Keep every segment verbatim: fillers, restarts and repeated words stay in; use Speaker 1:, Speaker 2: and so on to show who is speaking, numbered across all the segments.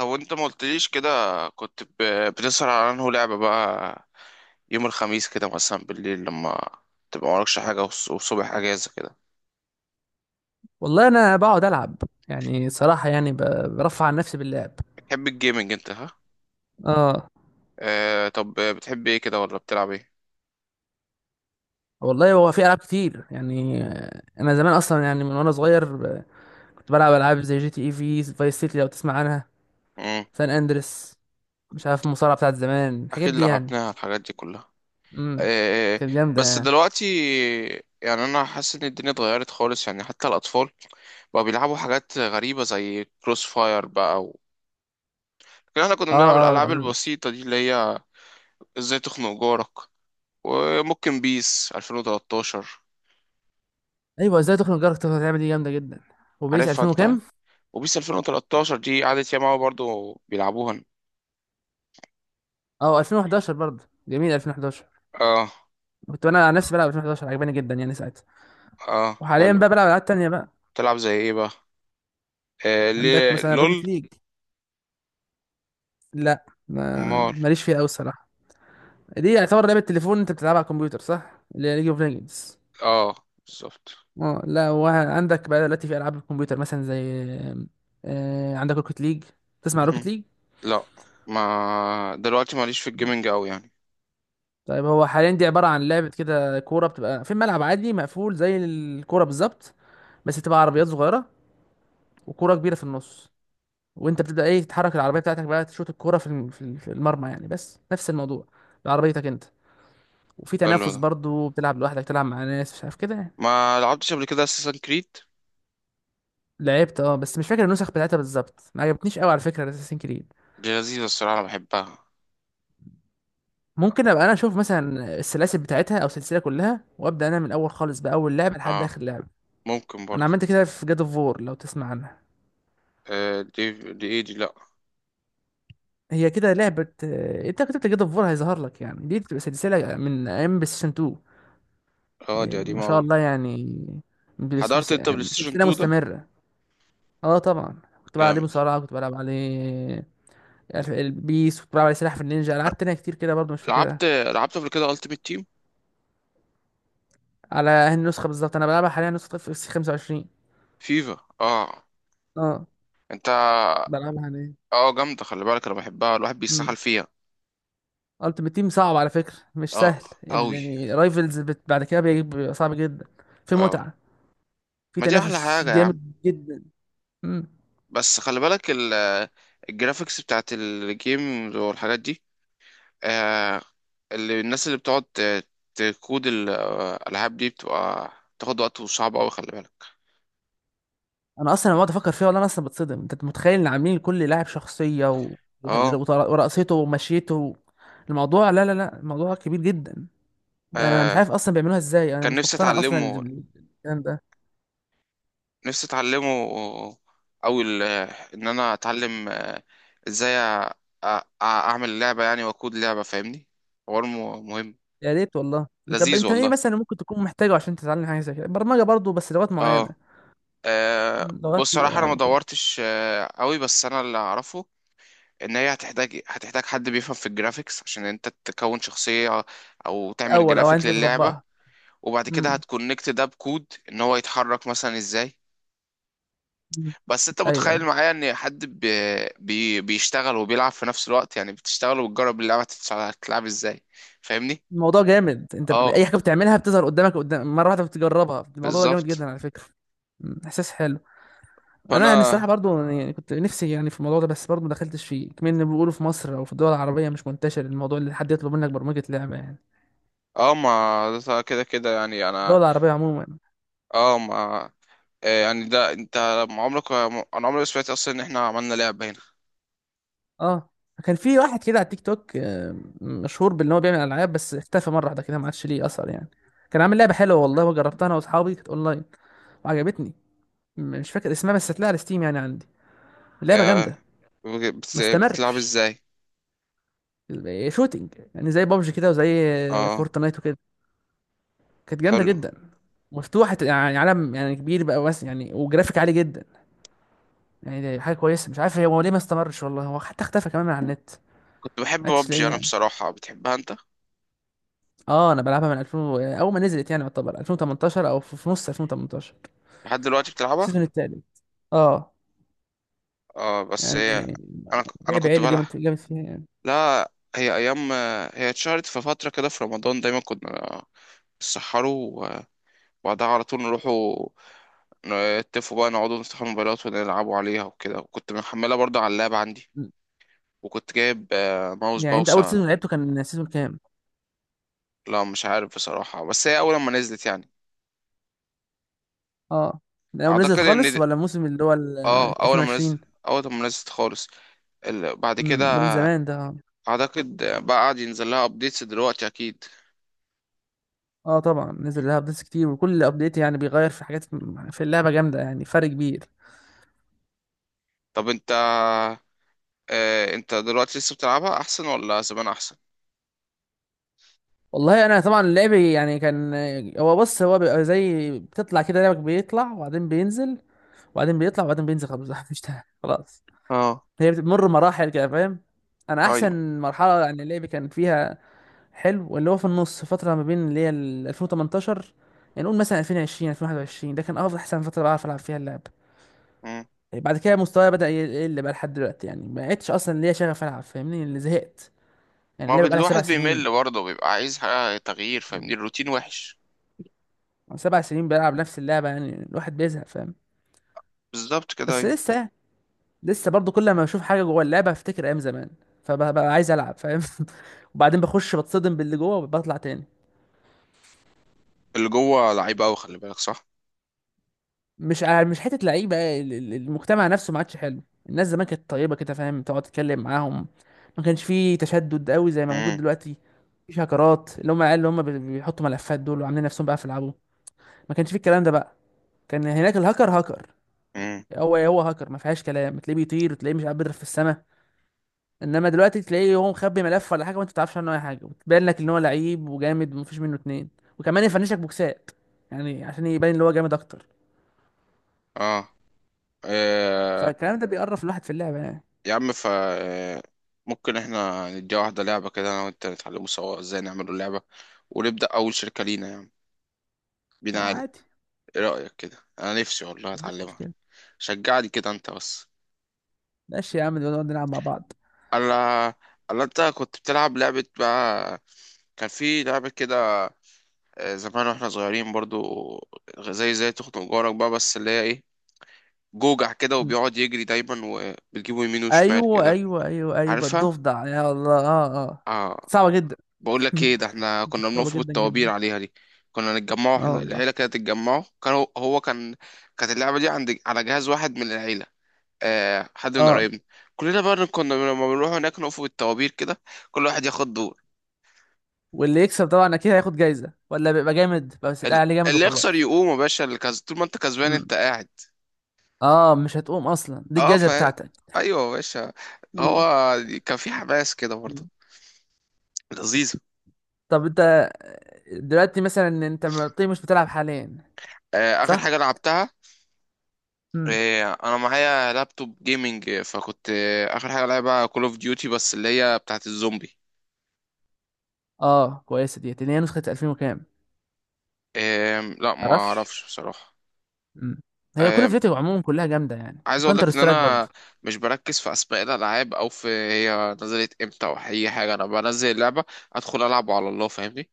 Speaker 1: او انت ما قلتليش كده. كنت ب- بتسهر على انه لعبة بقى يوم الخميس كده مثلا بالليل لما تبقى مالكش حاجة والص- والصبح اجازة كده.
Speaker 2: والله انا بقعد العب. يعني صراحه، يعني ب- برفع عن نفسي باللعب.
Speaker 1: بتحب الجيمنج انت، ها؟
Speaker 2: اه
Speaker 1: آه، طب بتحب ايه كده ولا بتلعب ايه؟
Speaker 2: والله، هو في العاب كتير يعني، آه، انا زمان اصلا يعني، من وانا صغير ب- كنت بلعب العاب زي جي تي اي في فايس سيتي، لو تسمع عنها،
Speaker 1: مم.
Speaker 2: سان اندريس. مش عارف المصارعه بتاعت زمان، الحاجات
Speaker 1: اكيد
Speaker 2: دي يعني.
Speaker 1: لعبناها الحاجات دي كلها.
Speaker 2: امم
Speaker 1: آه.
Speaker 2: كانت جامده
Speaker 1: بس
Speaker 2: يعني.
Speaker 1: دلوقتي يعني انا حاسس ان الدنيا اتغيرت خالص، يعني حتى الاطفال بقوا بيلعبوا حاجات غريبة زي كروس فاير بقى و... لكن احنا كنا
Speaker 2: اه،
Speaker 1: بنلعب
Speaker 2: اه آه.
Speaker 1: الالعاب
Speaker 2: آه.
Speaker 1: البسيطة دي اللي هي ازاي تخنق جارك، وممكن بيس الفين وتلتاشر.
Speaker 2: ايوه، ازاي تخنق جارك تقدر تعمل، دي جامده جدا. وبيس
Speaker 1: عارفها
Speaker 2: ألفين
Speaker 1: انت؟
Speaker 2: وكام؟
Speaker 1: وبيس الفين وثلاثة عشر دي قعدت ياما أوي برضو بيلعبوها.
Speaker 2: اه ألفين وحداشر برضه جميل. ألفين وحداشر
Speaker 1: اه.
Speaker 2: كنت انا على نفسي بلعب ألفين وحداشر، عجباني جدا يعني ساعتها.
Speaker 1: اه،
Speaker 2: وحاليا
Speaker 1: حلو.
Speaker 2: بقى بلعب العاب تانية بقى.
Speaker 1: تلعب زي ايه بقى؟ آه
Speaker 2: عندك
Speaker 1: ليه،
Speaker 2: مثلا
Speaker 1: لول.
Speaker 2: روكيت ليج. لا، ما
Speaker 1: مال.
Speaker 2: ماليش فيها قوي الصراحه. دي يعتبر لعبه تليفون انت بتلعبها على الكمبيوتر، صح؟ اللي هي ليج اوف ليجندز.
Speaker 1: اه، بالظبط.
Speaker 2: اه لا، وعندك بقى دلوقتي في العاب الكمبيوتر مثلا زي، آه عندك روكيت ليج. تسمع روكيت
Speaker 1: مهم.
Speaker 2: ليج؟
Speaker 1: لا، ما دلوقتي ماليش في الجيمنج قوي يعني.
Speaker 2: طيب، هو حاليا دي عباره عن لعبه كده، كوره بتبقى في ملعب عادي مقفول زي الكوره بالظبط، بس بتبقى عربيات صغيره وكوره كبيره في النص. وانت بتبدا ايه، تتحرك العربيه بتاعتك بقى تشوط الكوره في الم- في ال- في المرمى، يعني بس نفس الموضوع بعربيتك انت. وفي
Speaker 1: حلو
Speaker 2: تنافس
Speaker 1: ده.
Speaker 2: برضو، بتلعب لوحدك، تلعب مع ناس مش عارف كده يعني.
Speaker 1: ما لعبتش قبل كده اساسن كريد؟
Speaker 2: لعبت اه، بس مش فاكر النسخ بتاعتها بالظبط، ما عجبتنيش قوي على فكره اساسين كريد.
Speaker 1: دي لذيذة الصراحة، انا بحبها.
Speaker 2: ممكن ابقى انا اشوف مثلا السلاسل بتاعتها، او السلسله كلها، وابدا انا من الاول خالص، باول لعبه لحد
Speaker 1: اه،
Speaker 2: اخر لعبه.
Speaker 1: ممكن
Speaker 2: انا
Speaker 1: برضو.
Speaker 2: عملت كده في جاد اوف وور، لو تسمع عنها.
Speaker 1: آه، دي. دي ايه دي؟ لا.
Speaker 2: هي كده لعبه، آه، انت كتبت جاد اوف وور هيظهر لك يعني. دي بتبقى سلسله من ايام بلايستيشن اتنين.
Speaker 1: اه، دي
Speaker 2: آه، ما
Speaker 1: قديمة
Speaker 2: شاء
Speaker 1: قوي.
Speaker 2: الله يعني. بس
Speaker 1: حضرت
Speaker 2: بس
Speaker 1: انت بلاي
Speaker 2: آه،
Speaker 1: ستيشن
Speaker 2: سلسله
Speaker 1: تو ده؟
Speaker 2: مستمره. اه طبعا، كنت بلعب عليه
Speaker 1: جامد.
Speaker 2: مصارعه، كنت بلعب عليه البيس، كنت بلعب عليه سلاحف النينجا، العاب تانية كتير كده برضو مش فاكرها.
Speaker 1: لعبت لعبت قبل كده التيمت تيم.
Speaker 2: على هذه النسخه بالظبط انا بلعبها حاليا، نسخه اف سي خمسة وعشرين.
Speaker 1: فيفا؟ اه.
Speaker 2: اه
Speaker 1: انت.
Speaker 2: بلعبها حاليا.
Speaker 1: اه، جامده، خلي بالك انا بحبها، الواحد بيسحل
Speaker 2: امم
Speaker 1: فيها.
Speaker 2: التيمت تيم صعب على فكره، مش
Speaker 1: اه،
Speaker 2: سهل
Speaker 1: قوي.
Speaker 2: يعني. رايفلز بت... بعد كده بي- بيبقى صعب جدا. في
Speaker 1: اه،
Speaker 2: متعه، في
Speaker 1: ما دي احلى
Speaker 2: تنافس
Speaker 1: حاجه يا عم.
Speaker 2: جامد جدا. امم
Speaker 1: بس خلي بالك ال- الجرافيكس بتاعت الجيم والحاجات دي. آه. اللي الناس اللي بتقعد ت- تكود الالعاب دي بتبقى تاخد وقت وصعب قوي، خلي بالك.
Speaker 2: انا اصلا لما بقعد افكر فيها، والله انا اصلا بتصدم. انت متخيل ان عاملين لكل لاعب شخصيه و... وهل-
Speaker 1: اه.
Speaker 2: وطر- ورقصته ومشيته؟ الموضوع لا لا لا، الموضوع كبير جدا. انا مش
Speaker 1: آه،
Speaker 2: عارف اصلا بيعملوها ازاي. انا
Speaker 1: كان
Speaker 2: مش
Speaker 1: نفسي
Speaker 2: مقتنع اصلا ال-
Speaker 1: اتعلمه.
Speaker 2: ال- الكلام ده.
Speaker 1: نفسي اتعلمه. او ال- ان انا اتعلم آه، ازاي أ- أ- اعمل لعبة يعني، واكود لعبة، فاهمني؟ حوار م- مهم.
Speaker 2: يا ريت والله. طب
Speaker 1: لذيذ
Speaker 2: انت ايه
Speaker 1: والله.
Speaker 2: مثلا ممكن تكون محتاجه عشان تتعلم حاجه زي كده؟ برمجه برضه، بس لغات معينه.
Speaker 1: اه. آه،
Speaker 2: مم. لغات
Speaker 1: بص، صراحة انا
Speaker 2: الالعاب
Speaker 1: ما
Speaker 2: وكده.
Speaker 1: دورتش آه، قوي، بس انا اللي اعرفه ان هي هتحتاج هتحتاج حد بيفهم في الجرافيكس عشان انت تكون شخصية او تعمل
Speaker 2: الاول، او
Speaker 1: جرافيك
Speaker 2: انت
Speaker 1: للعبة.
Speaker 2: بتطبقها.
Speaker 1: وبعد كده
Speaker 2: امم.
Speaker 1: هتكونكت ده بكود ان هو يتحرك مثلا ازاي.
Speaker 2: أمم.
Speaker 1: بس انت
Speaker 2: ايوه،
Speaker 1: متخيل
Speaker 2: ايوه،
Speaker 1: معايا ان حد بي بي بيشتغل وبيلعب في نفس الوقت، يعني بتشتغل وبتجرب اللعبة تتع- تتلعب ازاي، فاهمني؟
Speaker 2: الموضوع جامد. انت ب- اي
Speaker 1: اه،
Speaker 2: حاجه بتعملها بتظهر قدامك، قدام مره واحده بتجربها، الموضوع ده جامد
Speaker 1: بالظبط.
Speaker 2: جدا على فكره. مم. احساس حلو. انا يعني الصراحه
Speaker 1: فانا.
Speaker 2: برضو، يعني كنت نفسي يعني في الموضوع ده، بس برضو ما دخلتش فيه كمان. بيقولوا في مصر او في الدول العربيه مش منتشر الموضوع، اللي حد يطلب منك برمجه لعبه يعني،
Speaker 1: اه، ما ده كده كده يعني
Speaker 2: الدول
Speaker 1: انا.
Speaker 2: العربيه عموما.
Speaker 1: اه، ما آه، يعني ده انت. ما عمرك، انا عمري ما سمعت اصلا ان احنا عملنا لعبة هنا.
Speaker 2: اه كان في واحد كده على التيك توك، آه، مشهور بان هو بيعمل العاب، بس اختفى مره واحده كده، ما عادش ليه اثر يعني. كان عامل لعبه حلوه والله، وجربتها انا واصحابي، كانت اونلاين وعجبتني. م- مش فاكر اسمها، بس هتلاقيها على ستيم يعني عندي. اللعبه
Speaker 1: آه،
Speaker 2: جامده، ما
Speaker 1: بت- بتلعب
Speaker 2: استمرش.
Speaker 1: ازاي؟
Speaker 2: شوتينج يعني، زي بابجي كده، وزي آه،
Speaker 1: اه،
Speaker 2: فورتنايت وكده، كانت جامده
Speaker 1: حلو.
Speaker 2: جدا. مفتوحه يعني، عالم يعني كبير بقى، بس يعني وجرافيك عالي جدا. يعني دي حاجه كويسه. مش عارف هو ليه ما استمرش والله. هو حتى اختفى كمان من على النت،
Speaker 1: كنت بحب
Speaker 2: ما عدتش
Speaker 1: ببجي
Speaker 2: لاقيه
Speaker 1: انا
Speaker 2: يعني.
Speaker 1: بصراحة، بتحبها انت؟
Speaker 2: اه انا بلعبها من ألفين، و- اول ما نزلت، يعني يعتبر ألفين وتمنتاشر، او في في نص ألفين وتمنتاشر،
Speaker 1: لحد دلوقتي
Speaker 2: في
Speaker 1: بتلعبها؟
Speaker 2: السيزون التالت. اه
Speaker 1: اه، بس هي.
Speaker 2: يعني
Speaker 1: انا ك- انا
Speaker 2: لعب
Speaker 1: كنت
Speaker 2: عيل،
Speaker 1: بلعب.
Speaker 2: جامد جامد فيها يعني.
Speaker 1: لا، هي ايام. هي اتشهرت في فتره كده في رمضان، دايما كنا نسحروا وبعدها على طول نروحوا نتفقوا بقى نقعدوا نفتحوا الموبايلات ونلعبوا عليها وكده، وكنت محملها برضه على اللاب عندي. وكنت جايب آه، ماوس
Speaker 2: يعني انت اول
Speaker 1: باوسة.
Speaker 2: سيزون لعبته كان سيزون كام؟
Speaker 1: لا، مش عارف بصراحه، بس هي اول ما نزلت يعني.
Speaker 2: اه، من اول ما
Speaker 1: اعتقد
Speaker 2: نزلت
Speaker 1: ان
Speaker 2: خالص،
Speaker 1: دي-
Speaker 2: ولا الموسم اللي هو ال
Speaker 1: اه، اول ما نزلت.
Speaker 2: ألفين وعشرين؟
Speaker 1: اول ما نزلت خالص. ال- بعد
Speaker 2: امم
Speaker 1: كده
Speaker 2: ده من زمان ده، اه.
Speaker 1: اعتقد بقى قاعد ينزل لها ابديتس دلوقتي اكيد.
Speaker 2: آه طبعا نزل لها ابديتس كتير، وكل ابديت يعني بيغير في حاجات في اللعبه، جامده يعني، فرق كبير.
Speaker 1: طب انت، آه، انت دلوقتي لسه بتلعبها احسن ولا زمان احسن؟
Speaker 2: والله انا طبعا لعبي يعني كان، هو بص، هو بيبقى زي بتطلع كده، لعبك بيطلع وبعدين بينزل، وبعدين بيطلع وبعدين بينزل، خلاص. مش تع- خلاص.
Speaker 1: اه.
Speaker 2: هي بتمر مراحل كده، فاهم؟ انا
Speaker 1: ايوه.
Speaker 2: احسن مرحله يعني اللعب كان فيها حلو، اللي هو في النص، فتره ما بين اللي هي ال ألفين وتمنتاشر، يعني نقول مثلا ألفين وعشرين، ألفين وواحد وعشرين، ده كان افضل، احسن فتره بعرف العب فيها اللعب.
Speaker 1: مم.
Speaker 2: بعد كده مستواي بدا يقل بقى لحد دلوقتي، يعني ما عدتش اصلا ليا شغف العب، فاهمني؟ اللي زهقت يعني،
Speaker 1: ما هو
Speaker 2: اللعبه بقى لها سبع
Speaker 1: الواحد
Speaker 2: سنين.
Speaker 1: بيمل برضه، بيبقى عايز حاجة تغيير، فاهمني؟ الروتين وحش.
Speaker 2: سبع سنين بلعب نفس اللعبة، يعني الواحد بيزهق، فاهم؟
Speaker 1: بالظبط كده،
Speaker 2: بس
Speaker 1: ايوه.
Speaker 2: لسه يعني، لسه برضه كل ما بشوف حاجة جوه اللعبة بفتكر أيام زمان، فببقى عايز ألعب، فاهم؟ وبعدين بخش بتصدم باللي جوه، وبطلع تاني.
Speaker 1: اللي جوه لعيب قوي، خلي بالك، صح؟
Speaker 2: مش ع- مش حتة لعيبة، ال- ال- المجتمع نفسه ما عادش حلو. الناس زمان كانت طيبة كده، فاهم؟ تقعد تتكلم معاهم، ما كانش فيه تشدد قوي زي ما موجود
Speaker 1: مم.
Speaker 2: دلوقتي. مفيش هاكرات، اللي هم العيال اللي هم بي- بيحطوا ملفات دول وعاملين نفسهم بقى في يلعبوا. ما كانش فيه الكلام ده بقى. كان هناك الهاكر هاكر،
Speaker 1: مم.
Speaker 2: هو هو هاكر ما فيهاش كلام، تلاقيه بيطير، تلاقيه مش عارف بيضرب في السماء. انما دلوقتي تلاقيه هو مخبي ملف ولا حاجه، وانت ما تعرفش عنه اي حاجه، وتبان لك ان هو لعيب وجامد ومفيش منه اتنين، وكمان يفنشك بوكسات يعني عشان يبان ان هو جامد اكتر.
Speaker 1: اه. آه،
Speaker 2: فالكلام ده بيقرف الواحد في اللعبه يعني.
Speaker 1: يا عم، ف آه، ممكن احنا نديها واحده لعبه كده انا وانت، نتعلموا سوا ازاي نعمل اللعبه، ونبدا اول شركه لينا يعني، بينا
Speaker 2: آه،
Speaker 1: علي.
Speaker 2: عادي،
Speaker 1: ايه رايك كده؟ انا نفسي والله
Speaker 2: مفيش
Speaker 1: اتعلمها.
Speaker 2: مشكله.
Speaker 1: شجعني كده انت بس.
Speaker 2: ماشي يا عم، نبقى نقعد نلعب مع بعض.
Speaker 1: الا الا انت كنت بتلعب لعبه بقى، كان في لعبه كده آه، زمان واحنا صغيرين برضو، زي زي تخنق جارك بقى، بس اللي هي ايه، جوجع كده
Speaker 2: م.
Speaker 1: وبيقعد يجري دايما، وبتجيبه يمين وشمال
Speaker 2: ايوه
Speaker 1: كده.
Speaker 2: ايوه ايوه ايوه،
Speaker 1: عارفها؟
Speaker 2: الضفدع، يا الله، اه. اه
Speaker 1: اه.
Speaker 2: صعبه جدا.
Speaker 1: بقول لك ايه، ده احنا كنا
Speaker 2: صعبه
Speaker 1: بنقف
Speaker 2: جدا
Speaker 1: بالطوابير
Speaker 2: جدا.
Speaker 1: عليها دي. كنا نتجمعوا،
Speaker 2: اه
Speaker 1: احنا
Speaker 2: والله،
Speaker 1: العيله كانت تتجمعوا، كان هو هو كان كانت اللعبه دي عند على جهاز واحد من العيله، آه، حد من
Speaker 2: اه.
Speaker 1: قرايبنا، كلنا بقى كنا لما بنروح هناك نقف بالطوابير كده، كل واحد ياخد دور.
Speaker 2: واللي يكسب طبعا اكيد هياخد جايزه، ولا بيبقى جامد بس، يتقال
Speaker 1: ال-
Speaker 2: عليه جامد
Speaker 1: اللي يخسر
Speaker 2: وخلاص.
Speaker 1: يقوم يا باشا، اللي كز... طول ما انت كسبان
Speaker 2: م.
Speaker 1: انت قاعد.
Speaker 2: اه مش هتقوم اصلا، دي
Speaker 1: اه.
Speaker 2: الجايزه
Speaker 1: ف
Speaker 2: بتاعتك.
Speaker 1: ايوه يا باشا. هو
Speaker 2: م.
Speaker 1: كان في حماس كده برضه،
Speaker 2: م.
Speaker 1: لذيذ.
Speaker 2: طب انت دلوقتي مثلا، انت طيب مش بتلعب حاليا
Speaker 1: آه، اخر
Speaker 2: صح؟
Speaker 1: حاجه لعبتها،
Speaker 2: امم.
Speaker 1: آه، انا معايا لابتوب جيمنج، آه، فكنت آه، اخر حاجه لعبها كول اوف ديوتي، بس اللي هي بتاعت الزومبي.
Speaker 2: اه كويسه ديت، اللي هي نسخه ألفين وكام.
Speaker 1: آم، لا، ما
Speaker 2: تعرفش.
Speaker 1: اعرفش بصراحه.
Speaker 2: امم هي كل
Speaker 1: آم،
Speaker 2: فيديو عموما كلها جامده يعني،
Speaker 1: عايز اقول لك
Speaker 2: وكانتر
Speaker 1: ان
Speaker 2: سترايك
Speaker 1: انا
Speaker 2: برضه.
Speaker 1: مش بركز في اسماء الالعاب او في هي نزلت امتى او اي حاجه، انا بنزل اللعبه ادخل العب على الله، فاهمني؟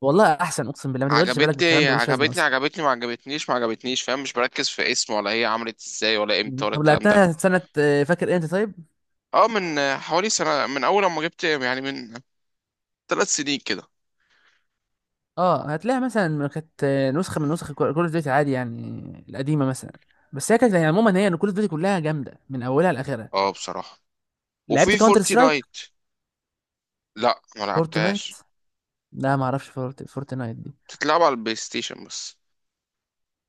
Speaker 2: والله احسن، اقسم بالله ما تشغلش بالك بالكلام
Speaker 1: عجبتني
Speaker 2: ده، ملوش لازمه
Speaker 1: عجبتني
Speaker 2: اصلا.
Speaker 1: عجبتني، ما عجبتنيش ما عجبتنيش، فاهم؟ مش بركز في اسم ولا هي عملت ازاي ولا امتى
Speaker 2: مم.
Speaker 1: ولا
Speaker 2: طب
Speaker 1: الكلام ده.
Speaker 2: لعبتها سنه، آه، فاكر امتى طيب؟
Speaker 1: اه، من حوالي سنة، من اول ما جبت يعني، من ثلاث سنين كده.
Speaker 2: اه هتلاقيها مثلا كانت آه، نسخه من نسخ كول اوف ديوتي عادي، يعني القديمه مثلا. بس هي كانت، يعني عموما هي ان كول اوف ديوتي كلها جامده من اولها لاخرها.
Speaker 1: اه، بصراحة.
Speaker 2: لعبت
Speaker 1: وفي
Speaker 2: كاونتر
Speaker 1: فورتي
Speaker 2: سترايك.
Speaker 1: نايت؟ لا، ما
Speaker 2: فورتنايت،
Speaker 1: لعبتهاش،
Speaker 2: لا ما اعرفش. فورت... فورتنايت دي.
Speaker 1: بتتلعب على البلاي ستيشن بس.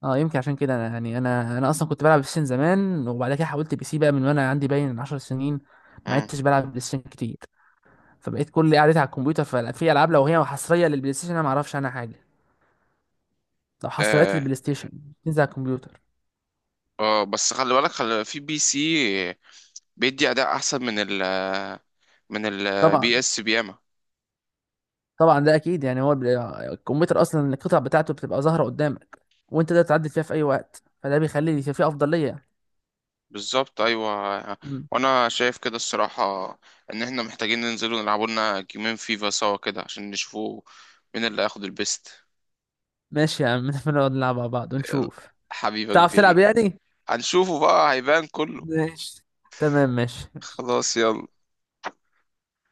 Speaker 2: اه يمكن عشان كده انا، يعني انا انا اصلا كنت بلعب بلاي ستيشن زمان، وبعد كده حولت بي سي بقى من وانا عندي باين 10 سنين. ما
Speaker 1: مم.
Speaker 2: عدتش بلعب بلاي ستيشن كتير، فبقيت كل قعدتي على الكمبيوتر. ففي العاب لو هي حصريه للبلاي ستيشن انا ما اعرفش عنها حاجه. لو حصريات
Speaker 1: اه.
Speaker 2: للبلاي ستيشن تنزل على الكمبيوتر،
Speaker 1: اه، بس خلي بالك، خلي في بي سي بيدي اداء احسن من ال من البي
Speaker 2: طبعا.
Speaker 1: اس بياما.
Speaker 2: طبعا ده اكيد، يعني هو البلاي- الكمبيوتر اصلا القطع بتاعته بتبقى ظاهره قدامك، وانت تقدر تعدل فيها في اي وقت، فده بيخلي في في افضليه.
Speaker 1: بالظبط، ايوه.
Speaker 2: مم.
Speaker 1: وانا شايف كده الصراحه ان احنا محتاجين ننزل ونلعبوا لنا جيمين فيفا سوا كده، عشان نشوفوا مين اللي هياخد البيست.
Speaker 2: ماشي يا عم. نبقى نقعد نلعب مع بعض
Speaker 1: يلا،
Speaker 2: ونشوف.
Speaker 1: حبيبك
Speaker 2: تعرف تلعب
Speaker 1: بيري،
Speaker 2: يعني.
Speaker 1: هنشوفه بقى هيبان كله.
Speaker 2: ماشي، تمام، ماشي ماشي.
Speaker 1: خلاص، يلا.